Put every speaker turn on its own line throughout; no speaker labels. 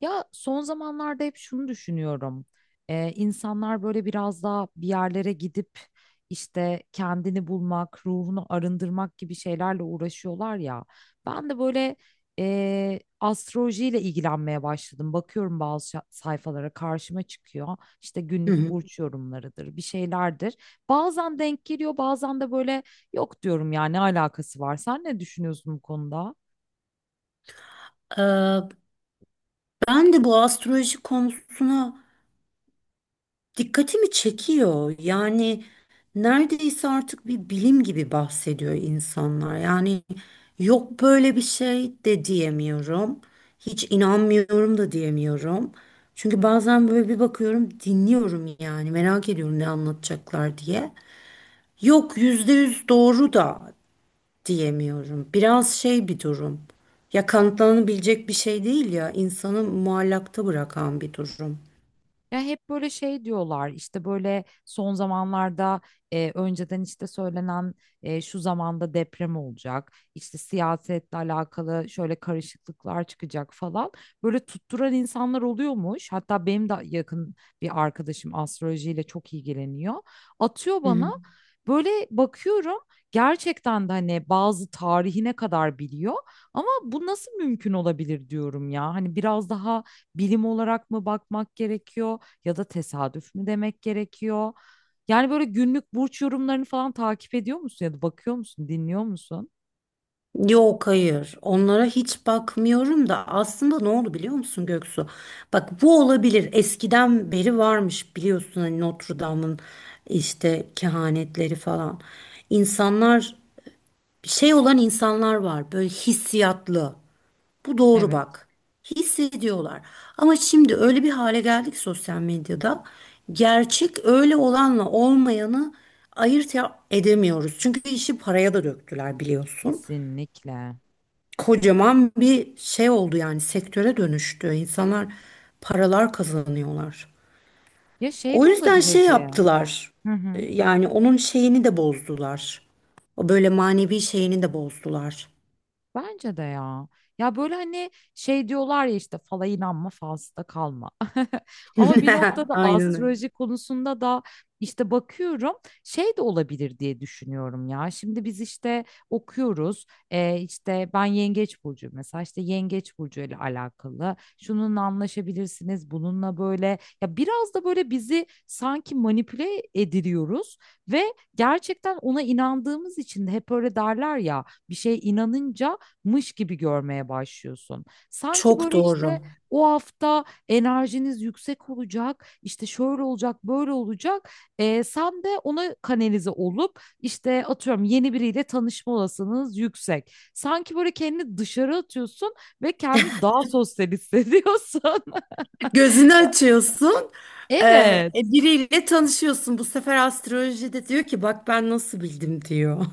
Ya son zamanlarda hep şunu düşünüyorum. İnsanlar böyle biraz daha bir yerlere gidip işte kendini bulmak, ruhunu arındırmak gibi şeylerle uğraşıyorlar ya. Ben de böyle astrolojiyle ilgilenmeye başladım. Bakıyorum bazı sayfalara karşıma çıkıyor. İşte
Hı
günlük
hı.
burç yorumlarıdır, bir şeylerdir. Bazen denk geliyor, bazen de böyle yok diyorum ya ne alakası var. Sen ne düşünüyorsun bu konuda?
Ee, Ben de bu astroloji konusuna dikkatimi çekiyor. Yani neredeyse artık bir bilim gibi bahsediyor insanlar. Yani yok böyle bir şey de diyemiyorum. Hiç inanmıyorum da diyemiyorum. Çünkü bazen böyle bir bakıyorum, dinliyorum yani merak ediyorum ne anlatacaklar diye. Yok yüzde yüz doğru da diyemiyorum. Biraz şey bir durum. Ya kanıtlanabilecek bir şey değil ya, insanı muallakta bırakan bir durum.
Ya hep böyle şey diyorlar işte böyle son zamanlarda önceden işte söylenen şu zamanda deprem olacak işte siyasetle alakalı şöyle karışıklıklar çıkacak falan, böyle tutturan insanlar oluyormuş. Hatta benim de yakın bir arkadaşım astrolojiyle çok ilgileniyor, atıyor
Hı
bana,
hı.
böyle bakıyorum gerçekten de hani bazı tarihine kadar biliyor. Ama bu nasıl mümkün olabilir diyorum ya, hani biraz daha bilim olarak mı bakmak gerekiyor, ya da tesadüf mü demek gerekiyor? Yani böyle günlük burç yorumlarını falan takip ediyor musun, ya da bakıyor musun, dinliyor musun?
Yok hayır onlara hiç bakmıyorum da aslında ne oldu biliyor musun Göksu? Bak bu olabilir eskiden beri varmış biliyorsun hani Notre Dame'ın işte kehanetleri falan. İnsanlar şey olan insanlar var böyle hissiyatlı. Bu doğru
Evet,
bak. Hissediyorlar. Ama şimdi öyle bir hale geldik sosyal medyada. Gerçek öyle olanla olmayanı edemiyoruz. Çünkü işi paraya da döktüler biliyorsun.
kesinlikle.
Kocaman bir şey oldu yani sektöre dönüştü. İnsanlar paralar kazanıyorlar.
Ya şey
O
de
yüzden
olabilir
şey
diye.
yaptılar.
Hı hı.
Yani onun şeyini de bozdular. O böyle manevi şeyini de bozdular.
Bence de ya. Ya böyle hani şey diyorlar ya, işte fala inanma, falsıda kalma. Ama bir noktada
Aynen öyle.
astroloji konusunda da işte bakıyorum, şey de olabilir diye düşünüyorum ya. Şimdi biz işte okuyoruz. İşte ben Yengeç Burcu, mesela işte Yengeç Burcu ile alakalı. Şununla anlaşabilirsiniz, bununla böyle. Ya biraz da böyle bizi sanki manipüle ediliyoruz ve gerçekten ona inandığımız için de hep öyle derler ya, bir şeye inanınca mış gibi görmeye başlıyorsun. Sanki
Çok
böyle
doğru.
işte o hafta enerjiniz yüksek olacak, işte şöyle olacak, böyle olacak. Sen de ona kanalize olup işte atıyorum, yeni biriyle tanışma olasılığınız yüksek. Sanki böyle kendini dışarı atıyorsun ve kendini daha sosyal hissediyorsun.
Gözünü açıyorsun.
Evet.
Biriyle tanışıyorsun. Bu sefer astrolojide diyor ki bak ben nasıl bildim diyor.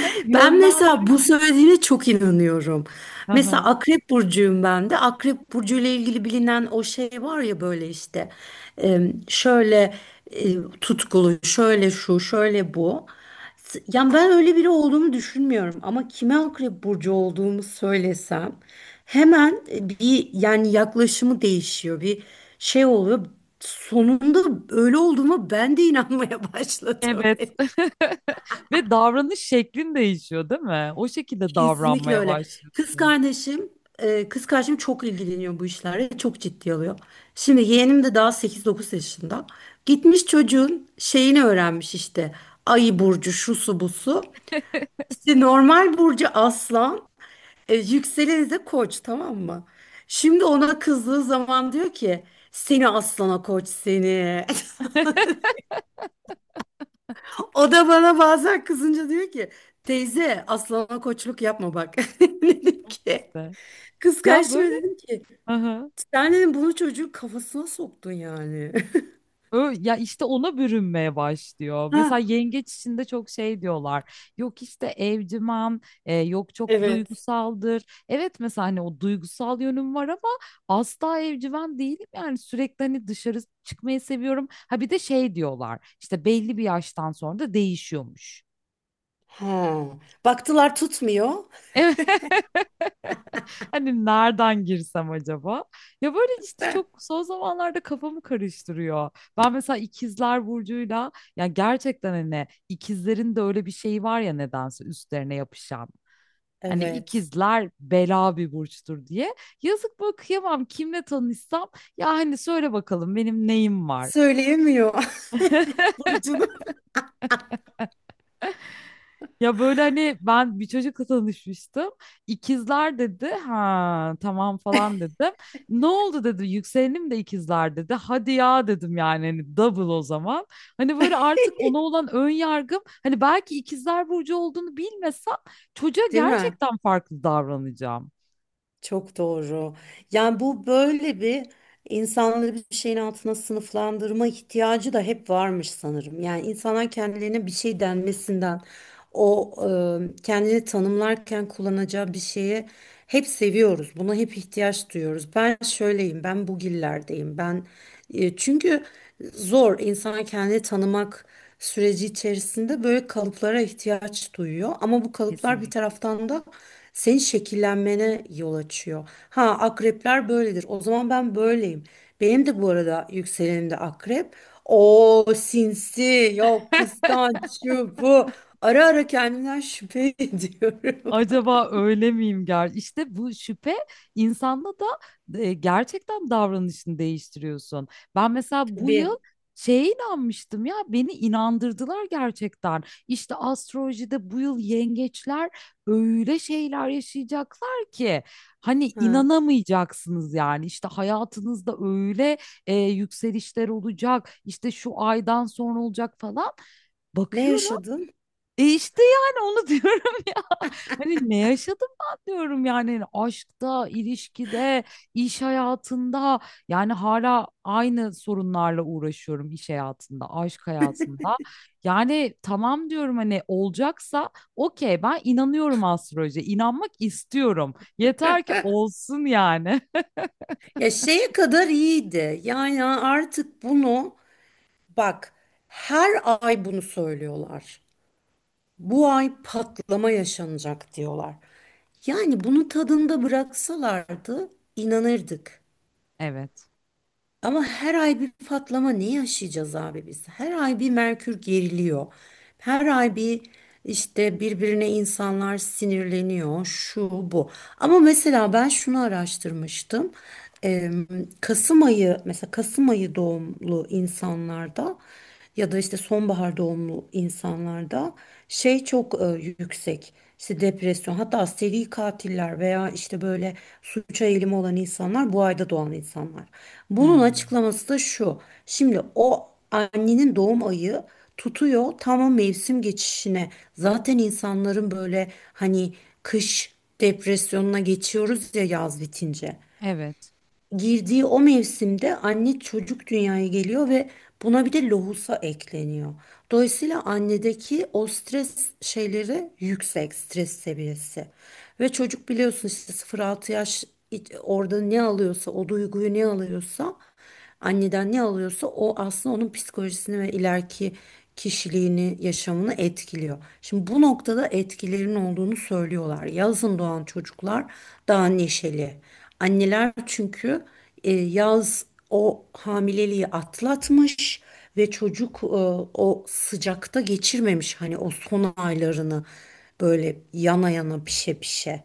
Hani
Ben mesela
yönlendiriyor.
bu söylediğine çok inanıyorum.
Aha,
Mesela Akrep Burcu'yum ben de. Akrep Burcu ile ilgili bilinen o şey var ya böyle işte şöyle e, tutkulu, şöyle şu, şöyle bu. Yani ben öyle biri olduğumu düşünmüyorum ama kime Akrep Burcu olduğumu söylesem hemen bir yani yaklaşımı değişiyor. Bir şey oluyor. Sonunda öyle olduğuma ben de inanmaya başladım.
evet. Ve davranış şeklin değişiyor, değil mi? O şekilde
Kesinlikle
davranmaya
öyle. Kız
başlıyorsun.
kardeşim, kız kardeşim çok ilgileniyor bu işlerle. Çok ciddi alıyor. Şimdi yeğenim de daha sekiz dokuz yaşında. Gitmiş çocuğun şeyini öğrenmiş işte. Ayı burcu, şusu busu. İşte normal burcu aslan, yükseleni de koç tamam mı? Şimdi ona kızdığı zaman diyor ki seni aslana koç seni. O da bana bazen kızınca diyor ki teyze aslana koçluk yapma bak. Dedim
Al
ki
işte.
kız
Ya
kardeşime
böyle
dedim ki
hı
sen bunu çocuğun kafasına soktun yani.
Ya işte ona bürünmeye başlıyor.
Ha,
Mesela yengeç içinde çok şey diyorlar. Yok işte evcimen, yok çok
evet.
duygusaldır. Evet, mesela hani o duygusal yönüm var ama asla evcimen değilim. Yani sürekli hani dışarı çıkmayı seviyorum. Ha bir de şey diyorlar, İşte belli bir yaştan sonra da değişiyormuş.
Ha. Baktılar tutmuyor.
Evet. Hani nereden girsem acaba? Ya böyle işte çok son zamanlarda kafamı karıştırıyor. Ben mesela ikizler burcuyla, ya gerçekten hani ikizlerin de öyle bir şeyi var ya, nedense üstlerine yapışan. Hani
Evet.
ikizler bela bir burçtur diye. Yazık, bakıyamam kimle tanışsam, ya hani söyle bakalım benim neyim var.
Söyleyemiyor. Burcunu.
Ya böyle hani ben bir çocukla tanışmıştım. İkizler dedi. Ha tamam falan dedim. Ne oldu dedi. Yükselenim de ikizler dedi. Hadi ya dedim, yani hani double o zaman. Hani böyle artık ona olan ön yargım, hani belki ikizler burcu olduğunu bilmesem çocuğa
Değil mi?
gerçekten farklı davranacağım.
Çok doğru. Yani bu böyle bir insanları bir şeyin altına sınıflandırma ihtiyacı da hep varmış sanırım. Yani insanlar kendilerine bir şey denmesinden o kendini tanımlarken kullanacağı bir şeye hep seviyoruz. Buna hep ihtiyaç duyuyoruz. Ben şöyleyim, ben bugillerdeyim. Ben çünkü zor insan kendini tanımak süreci içerisinde böyle kalıplara ihtiyaç duyuyor. Ama bu kalıplar bir
Kesinlikle.
taraftan da senin şekillenmene yol açıyor. Ha akrepler böyledir. O zaman ben böyleyim. Benim de bu arada yükselenim de akrep. O sinsi, yok kıskanç, şu bu. Ara ara kendimden şüphe ediyorum.
Acaba öyle miyim ger? İşte bu şüphe insanda da gerçekten davranışını değiştiriyorsun. Ben mesela bu yıl
Tabii.
şeye inanmıştım ya, beni inandırdılar gerçekten. İşte astrolojide bu yıl yengeçler öyle şeyler yaşayacaklar ki hani
Ha.
inanamayacaksınız yani. İşte hayatınızda öyle yükselişler olacak, işte şu aydan sonra olacak falan.
Ne
Bakıyorum.
yaşadın?
E işte yani onu diyorum. Hani ne yaşadım ben diyorum, yani hani aşkta, ilişkide, iş hayatında, yani hala aynı sorunlarla uğraşıyorum, iş hayatında, aşk hayatında. Yani tamam diyorum, hani olacaksa okey, ben inanıyorum astrolojiye, inanmak istiyorum. Yeter ki olsun yani.
Ya şeye kadar iyiydi. Yani artık bunu bak her ay bunu söylüyorlar. Bu ay patlama yaşanacak diyorlar. Yani bunu tadında bıraksalardı inanırdık.
Evet.
Ama her ay bir patlama ne yaşayacağız abi biz? Her ay bir Merkür geriliyor. Her ay bir işte birbirine insanlar sinirleniyor. Şu bu. Ama mesela ben şunu araştırmıştım. Eee, Kasım ayı mesela Kasım ayı doğumlu insanlarda ya da işte sonbahar doğumlu insanlarda şey çok yüksek. İşte depresyon hatta seri katiller veya işte böyle suça eğilimi olan insanlar bu ayda doğan insanlar. Bunun
Hmm.
açıklaması da şu. Şimdi o annenin doğum ayı tutuyor tam o mevsim geçişine. Zaten insanların böyle hani kış depresyonuna geçiyoruz ya yaz bitince.
Evet.
Girdiği o mevsimde anne çocuk dünyaya geliyor ve buna bir de lohusa ekleniyor. Dolayısıyla annedeki o stres şeyleri yüksek stres seviyesi. Ve çocuk biliyorsun işte 0-6 yaş orada ne alıyorsa o duyguyu ne alıyorsa anneden ne alıyorsa o aslında onun psikolojisini ve ileriki kişiliğini, yaşamını etkiliyor. Şimdi bu noktada etkilerin olduğunu söylüyorlar. Yazın doğan çocuklar daha neşeli. Anneler çünkü yaz o hamileliği atlatmış ve çocuk o sıcakta geçirmemiş hani o son aylarını böyle yana yana pişe pişe.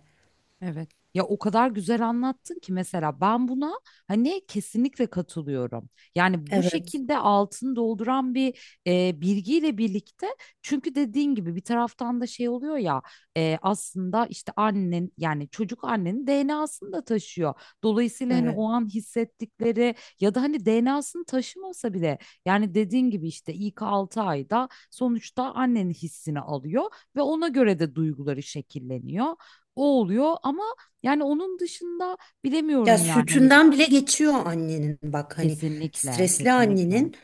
Evet. Ya o kadar güzel anlattın ki mesela ben buna hani kesinlikle katılıyorum. Yani bu
Evet,
şekilde altını dolduran bir bilgiyle birlikte, çünkü dediğin gibi bir taraftan da şey oluyor ya, aslında işte annen, yani çocuk annenin DNA'sını da taşıyor. Dolayısıyla hani
evet.
o an hissettikleri, ya da hani DNA'sını taşımasa bile, yani dediğin gibi işte ilk 6 ayda sonuçta annenin hissini alıyor ve ona göre de duyguları şekilleniyor, o oluyor. Ama yani onun dışında
Ya
bilemiyorum yani, hani
sütünden bile geçiyor annenin bak hani
kesinlikle
stresli
kesinlikle.
annenin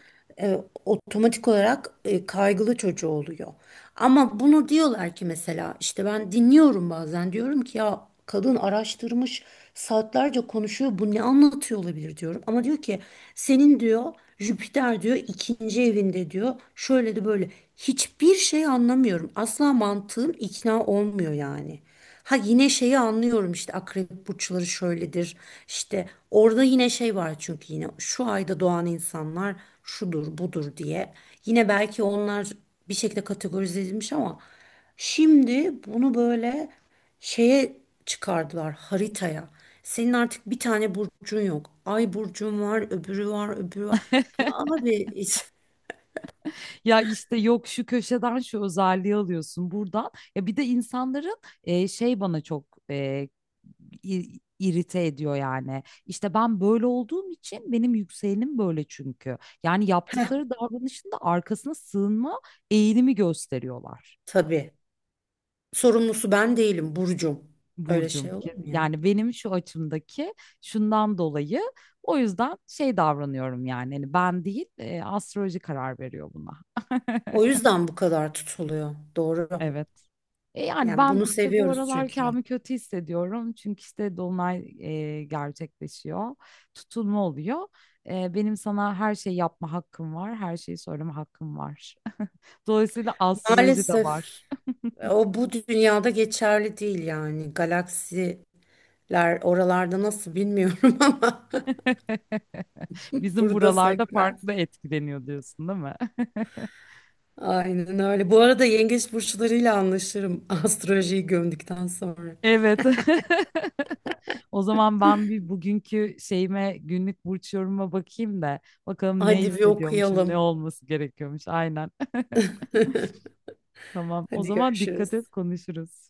e, otomatik olarak kaygılı çocuğu oluyor. Ama bunu diyorlar ki mesela işte ben dinliyorum bazen diyorum ki ya kadın araştırmış saatlerce konuşuyor bu ne anlatıyor olabilir diyorum. Ama diyor ki senin diyor Jüpiter diyor ikinci evinde diyor şöyle de böyle hiçbir şey anlamıyorum asla mantığım ikna olmuyor yani. Ha yine şeyi anlıyorum işte akrep burçları şöyledir. İşte orada yine şey var çünkü yine şu ayda doğan insanlar şudur budur diye. Yine belki onlar bir şekilde kategorize edilmiş ama şimdi bunu böyle şeye çıkardılar haritaya. Senin artık bir tane burcun yok. Ay burcun var, öbürü var, öbürü var. Ya abi hiç-
Ya işte yok, şu köşeden şu özelliği alıyorsun buradan. Ya bir de insanların şey bana çok irite ediyor yani. İşte ben böyle olduğum için, benim yükselenim böyle çünkü. Yani yaptıkları davranışın da arkasına sığınma eğilimi gösteriyorlar.
tabii sorumlusu ben değilim burcum. Öyle
Burcum.
şey olur mu ya?
Yani benim şu açımdaki, şundan dolayı o yüzden şey davranıyorum, yani hani ben değil, astroloji karar veriyor buna.
O yüzden bu kadar tutuluyor. Doğru.
Evet. Yani
Yani
ben
bunu
işte bu
seviyoruz
aralar
çünkü.
kendimi kötü hissediyorum. Çünkü işte dolunay gerçekleşiyor. Tutulma oluyor. Benim sana her şeyi yapma hakkım var. Her şeyi söyleme hakkım var. Dolayısıyla astroloji de
Maalesef
var.
o bu dünyada geçerli değil yani. Galaksiler oralarda nasıl bilmiyorum ama
Bizim
burada
buralarda
sekmez.
farklı etkileniyor diyorsun, değil mi?
Aynen öyle. Bu arada yengeç burçlarıyla anlaşırım astrolojiyi gömdükten sonra.
Evet. O zaman ben bir bugünkü şeyime, günlük burç yorumuma bakayım da, bakalım ne
Hadi bir
hissediyormuşum, ne
okuyalım.
olması gerekiyormuş. Aynen. Tamam. O
Hadi
zaman dikkat et,
görüşürüz.
konuşuruz.